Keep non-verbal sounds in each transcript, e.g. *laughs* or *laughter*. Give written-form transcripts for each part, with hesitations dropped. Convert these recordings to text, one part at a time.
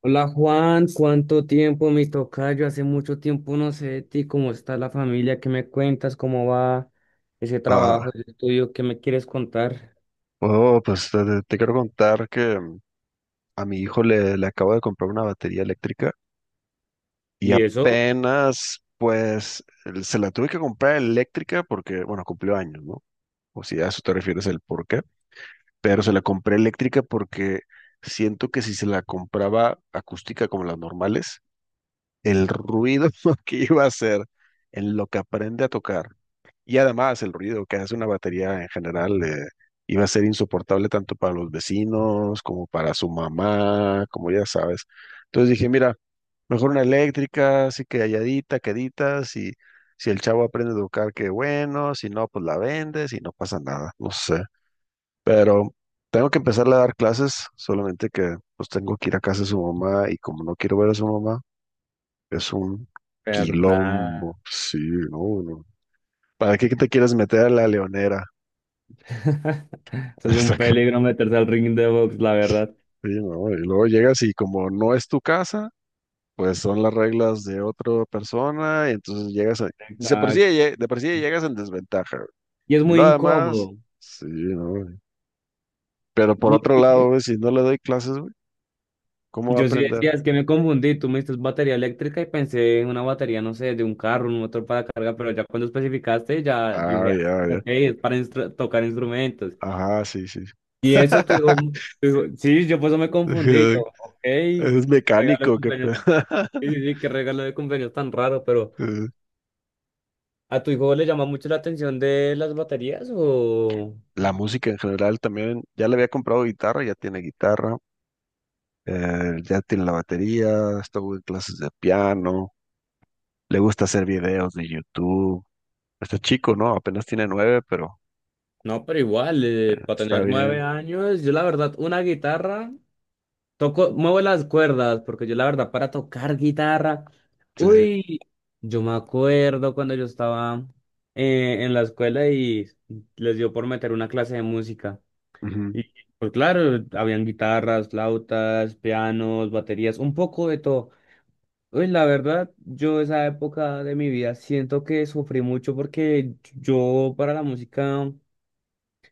Hola Juan, ¿cuánto tiempo mi tocayo? Hace mucho tiempo no sé de ti, ¿cómo está la familia? ¿Qué me cuentas? ¿Cómo va ese Ah, trabajo, ese estudio? ¿Qué me quieres contar? oh, pues te quiero contar que a mi hijo le acabo de comprar una batería eléctrica y ¿Y eso? apenas, pues, se la tuve que comprar eléctrica porque, bueno, cumplió años, ¿no? O si a eso te refieres el por qué, pero se la compré eléctrica porque siento que si se la compraba acústica como las normales, el ruido *laughs* que iba a hacer en lo que aprende a tocar. Y además el ruido que hace una batería en general iba a ser insoportable tanto para los vecinos como para su mamá, como ya sabes. Entonces dije, mira, mejor una eléctrica, así que halladita, quedita, si el chavo aprende a tocar, qué bueno, si no, pues la vendes y no pasa nada, no sé. Pero tengo que empezarle a dar clases, solamente que pues tengo que ir a casa de su mamá y como no quiero ver a su mamá, es un ¿Verdad? quilombo, sí, no, no. ¿Para qué te quieres meter a la leonera? *laughs* *laughs* Eso es Está un ca- peligro meterse al ring de box, la verdad. Sí, no, y luego llegas y como no es tu casa, pues son las reglas de otra persona, y entonces llegas a. Dice, por sí, Exacto. De por sí ya llegas en desventaja, güey. Y es Y muy lo además, incómodo. sí, no, güey. Pero por ¿Y otro este lado, qué? güey, si no le doy clases, güey, ¿cómo va a Yo sí aprender? decía, es que me confundí. Tú me dices batería eléctrica y pensé en una batería, no sé, de un carro, un motor para carga, pero ya cuando especificaste, ya yo Ah, dije, ah, ya, ya. ok, es para tocar instrumentos. Ajá, sí, sí. Y eso tu *laughs* hijo, sí, yo por eso me confundí, yo, ok, qué Es regalo de mecánico, qué cumpleaños, pedo. sí, sí, sí, qué regalo de cumpleaños tan raro, pero *laughs* ¿a tu hijo le llama mucho la atención de las baterías o...? La música en general también, ya le había comprado guitarra, ya tiene la batería, estuvo en clases de piano, le gusta hacer videos de YouTube. Está chico, ¿no? Apenas tiene nueve, pero No, pero igual, para está tener nueve bien. años, yo la verdad, una guitarra, toco, muevo las cuerdas, porque yo la verdad, para tocar guitarra, Sí. uy, yo me acuerdo cuando yo estaba en la escuela y les dio por meter una clase de música. Ujú. Y pues claro, habían guitarras, flautas, pianos, baterías, un poco de todo. Uy, la verdad, yo esa época de mi vida siento que sufrí mucho porque yo para la música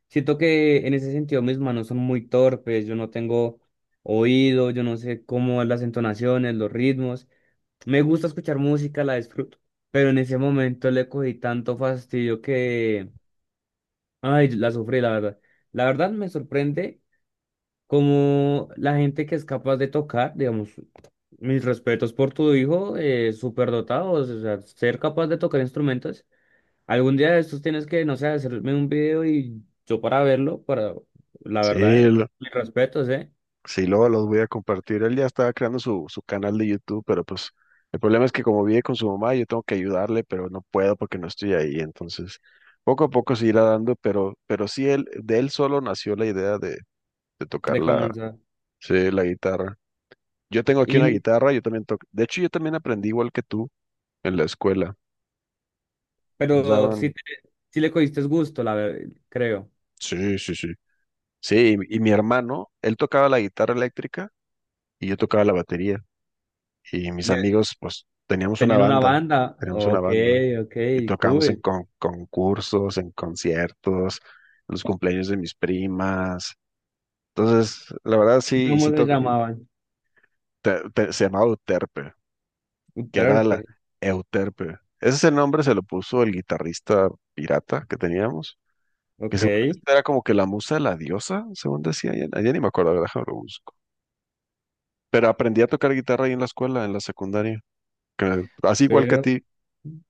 siento que en ese sentido mis manos son muy torpes, yo no tengo oído, yo no sé cómo las entonaciones, los ritmos. Me gusta escuchar música, la disfruto, pero en ese momento le cogí tanto fastidio que, ay, la sufrí, la verdad. La verdad me sorprende como la gente que es capaz de tocar, digamos, mis respetos por tu hijo, súper dotado, o sea, ser capaz de tocar instrumentos. Algún día de estos tienes que, no sé, hacerme un video y yo para verlo, para, la Sí, verdad, lo- mis respetos, ¿eh? sí, luego los voy a compartir. Él ya estaba creando su canal de YouTube, pero pues el problema es que como vive con su mamá, yo tengo que ayudarle, pero no puedo porque no estoy ahí. Entonces, poco a poco se irá dando, pero sí, él, de él solo nació la idea de tocar De la. comenzar. Sí, la guitarra. Yo tengo aquí una Y, guitarra, yo también toco. De hecho, yo también aprendí igual que tú en la escuela. Nos pero sí, daban. Sí le cogiste gusto, la verdad, creo. Sí, sí, sí. Sí, y mi hermano, él tocaba la guitarra eléctrica y yo tocaba la batería. Y mis Ya, amigos, pues, teníamos una tenían una banda, banda, teníamos una ok, banda. ok, Y tocábamos en cool. Concursos, en conciertos, en los cumpleaños de mis primas. Entonces, la verdad ¿Y sí, y cómo sí se toca. Y llamaban? Se llamaba Uterpe. Un Que era la Terpe, Euterpe. Ese es el nombre se lo puso el guitarrista pirata que teníamos, que ok. según esto era como que la musa de la diosa, según decía, ya, ya ni me acuerdo, a ver, déjame lo busco. Pero aprendí a tocar guitarra ahí en la escuela, en la secundaria, así igual que a Pero ti.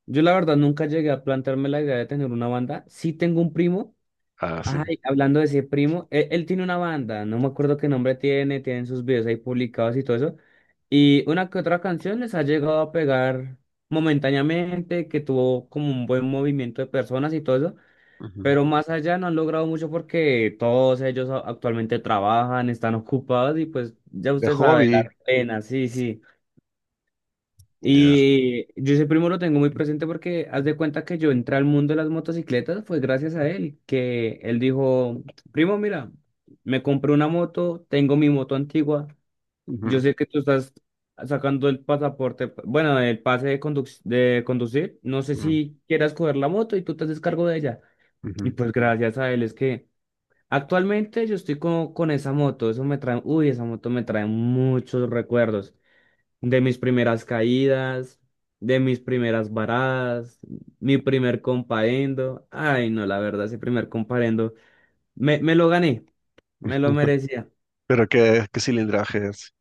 yo la verdad nunca llegué a plantearme la idea de tener una banda. Sí tengo un primo. Ah, sí. Ay, hablando de ese primo, él tiene una banda, no me acuerdo qué nombre tiene, tienen sus videos ahí publicados y todo eso. Y una que otra canción les ha llegado a pegar momentáneamente, que tuvo como un buen movimiento de personas y todo eso, Ujú. pero más allá no han logrado mucho porque todos ellos actualmente trabajan, están ocupados y pues ya De usted sabe, la hobby, pena, sí, sí. ya. Y yo ese primo lo tengo muy presente porque haz de cuenta que yo entré al mundo de las motocicletas fue gracias a él, que él dijo, primo, mira, me compré una moto, tengo mi moto antigua, yo Ujú, sé que tú estás sacando el pasaporte, bueno, el pase de, de conducir, no sé ujú, si quieras coger la moto y tú te haces cargo de ella. Y ujú. pues gracias a él es que actualmente yo estoy con esa moto, eso me trae, uy, esa moto me trae muchos recuerdos de mis primeras caídas, de mis primeras varadas, mi primer comparendo. Ay, no, la verdad, ese primer comparendo me lo gané, me lo *laughs* merecía. Pero qué cilindraje es,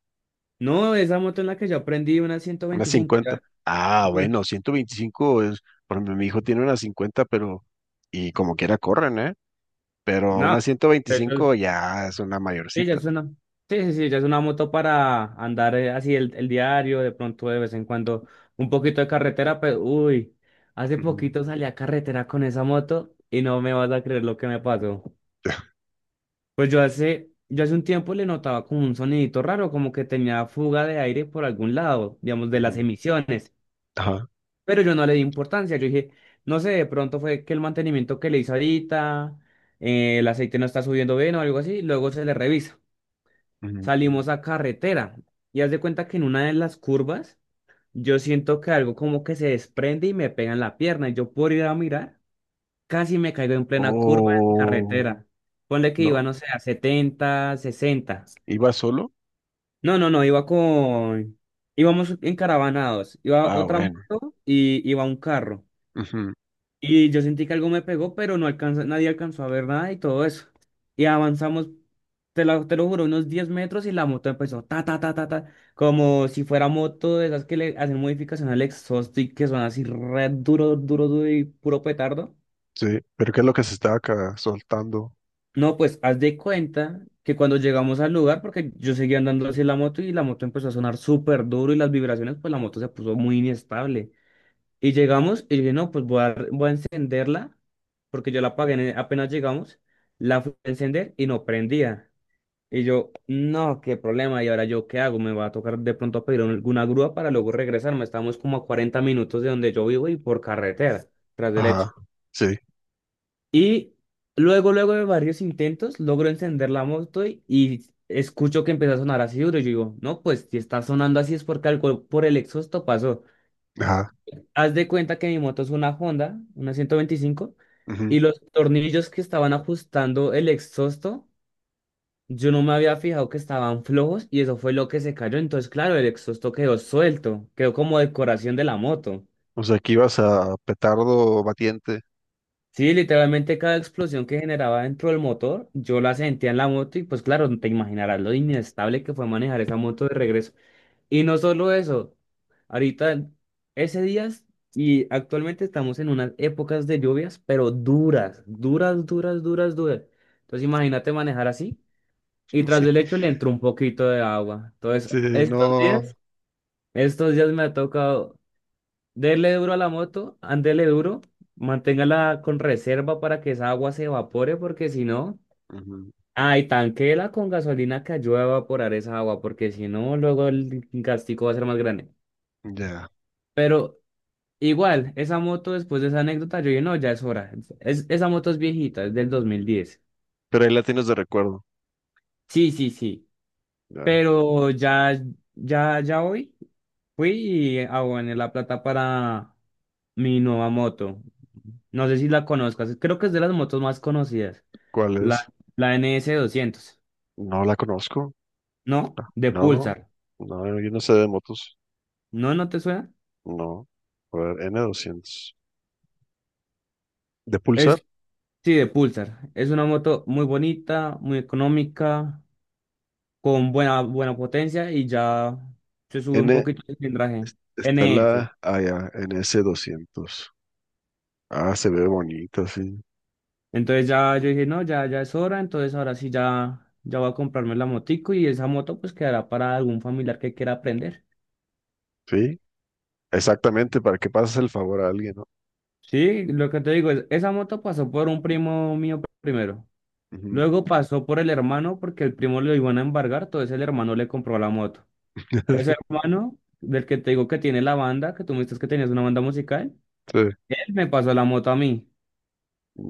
No, esa moto en la que yo aprendí una una 125, 50. ya. Ah, No, bueno, 125 es, por ejemplo, mi hijo tiene una 50, pero y como quiera corren, ¿eh? Pero no, una eso es- 125 ya es una sí, ya mayorcita. es una, sí, sí, sí, ya es una moto para andar así el diario, de pronto de vez en cuando un poquito de carretera, pero uy, hace Ujú, poquito salí a carretera con esa moto y no me vas a creer lo que me pasó. *laughs* Pues yo hace un tiempo le notaba como un sonidito raro, como que tenía fuga de aire por algún lado, digamos, de las ujú, emisiones, ajá. pero yo no le di importancia, yo dije, no sé, de pronto fue que el mantenimiento que le hizo ahorita, el aceite no está subiendo bien o algo así, luego se le revisa. Ujú. Salimos a carretera y haz de cuenta que en una de las curvas yo siento que algo como que se desprende y me pega en la pierna y yo por ir a mirar casi me caigo en plena curva en Oh, carretera. Ponle que no. iba, no sé, a 70, 60. ¿Iba solo? No, no, no, iba con... Íbamos encaravanados. Iba Ah, otra bueno. moto y iba un carro. Ujú. Y yo sentí que algo me pegó, pero no alcanza, nadie alcanzó a ver nada y todo eso. Y avanzamos, te lo juro, unos 10 metros y la moto empezó ta, ta, ta, ta, ta, como si fuera moto de esas que le hacen modificación al exhaust y que son así re duro, duro, duro y puro petardo. Sí, pero ¿qué es lo que se estaba acá soltando? No, pues haz de cuenta que cuando llegamos al lugar, porque yo seguía andando hacia la moto y la moto empezó a sonar súper duro y las vibraciones, pues la moto se puso muy inestable. Y llegamos y dije, no, pues voy a encenderla, porque yo la apagué apenas llegamos, la fui a encender y no prendía. Y yo, no, qué problema, ¿y ahora yo qué hago? Me va a tocar de pronto pedir alguna grúa para luego regresarme. Estamos como a 40 minutos de donde yo vivo y por carretera, tras derecho. Ajá, sí, Y luego de varios intentos, logro encender la moto y escucho que empieza a sonar así duro. Yo digo, no, pues si está sonando así es porque algo por el exhausto pasó. ajá. Haz de cuenta que mi moto es una Honda, una 125, Ujú. y los tornillos que estaban ajustando el exhausto, yo no me había fijado que estaban flojos y eso fue lo que se cayó. Entonces, claro, el exhausto quedó suelto, quedó como decoración de la moto. O sea, que ibas a petardo batiente. Sí, literalmente cada explosión que generaba dentro del motor, yo la sentía en la moto y pues claro, te imaginarás lo inestable que fue manejar esa moto de regreso. Y no solo eso, ahorita ese día y actualmente estamos en unas épocas de lluvias, pero duras, duras, duras, duras, duras. Entonces imagínate manejar así y *laughs* tras Sí, del hecho le entró un poquito de agua. Entonces, sí, no. Estos días me ha tocado dele duro a la moto, ándele duro, manténgala con reserva para que esa agua se evapore, porque si no, Ujú. ay, tanquéla con gasolina que ayude a evaporar esa agua, porque si no, luego el gastico va a ser más grande. Ya. Pero igual, esa moto después de esa anécdota, yo dije, no, ya es hora. Esa moto es viejita, es del 2010. Pero ahí la tienes de recuerdo. Sí, sí, sí. Ya. Pero ya, ya, ya hoy fui y aboné la plata para mi nueva moto. No sé si la conozcas, creo que es de las motos más conocidas. ¿Cuál La, es? la N S 200 No la conozco. ¿no? De No, Pulsar. no, yo no sé de motos. ¿No, no te suena? No. A ver, N200. De Pulsar. Es, sí, de Pulsar. Es una moto muy bonita, muy económica, con buena potencia y ya se sube un N poquito el cilindraje. está N S la, ah, ya, NS200. Ah, se ve bonita, sí. entonces ya yo dije, no, ya, ya es hora, entonces ahora sí ya, ya voy a comprarme la motico y esa moto pues quedará para algún familiar que quiera aprender. Sí, exactamente, para que pases el favor a alguien, ¿no? Sí, lo que te digo es, esa moto pasó por un primo mío primero. Ujú. Luego pasó por el hermano porque el primo lo iban a embargar, entonces el hermano le compró la moto. Ese *laughs* hermano, del que te digo que tiene la banda, que tú me dices que tenías una banda musical, Sí, él me pasó la moto a mí.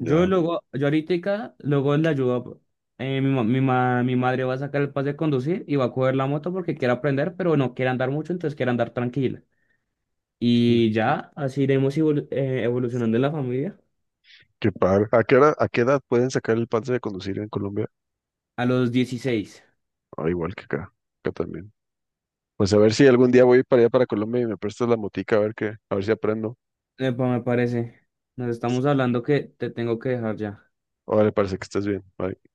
Yo luego, yo ahorita, luego le ayudo, mi madre va a sacar el pase de conducir y va a coger la moto porque quiere aprender, pero no quiere andar mucho, entonces quiere andar tranquila. Y ya, así iremos evolucionando en la familia. Qué padre. ¿A qué hora, a qué edad pueden sacar el pase de conducir en Colombia? A los 16, Ah, igual que acá, acá también. Pues a ver si algún día voy para allá para Colombia y me prestas la motica a ver qué, a ver si aprendo. epa, me parece. Nos estamos hablando que te tengo que dejar ya. Órale, parece que estés bien. Bye.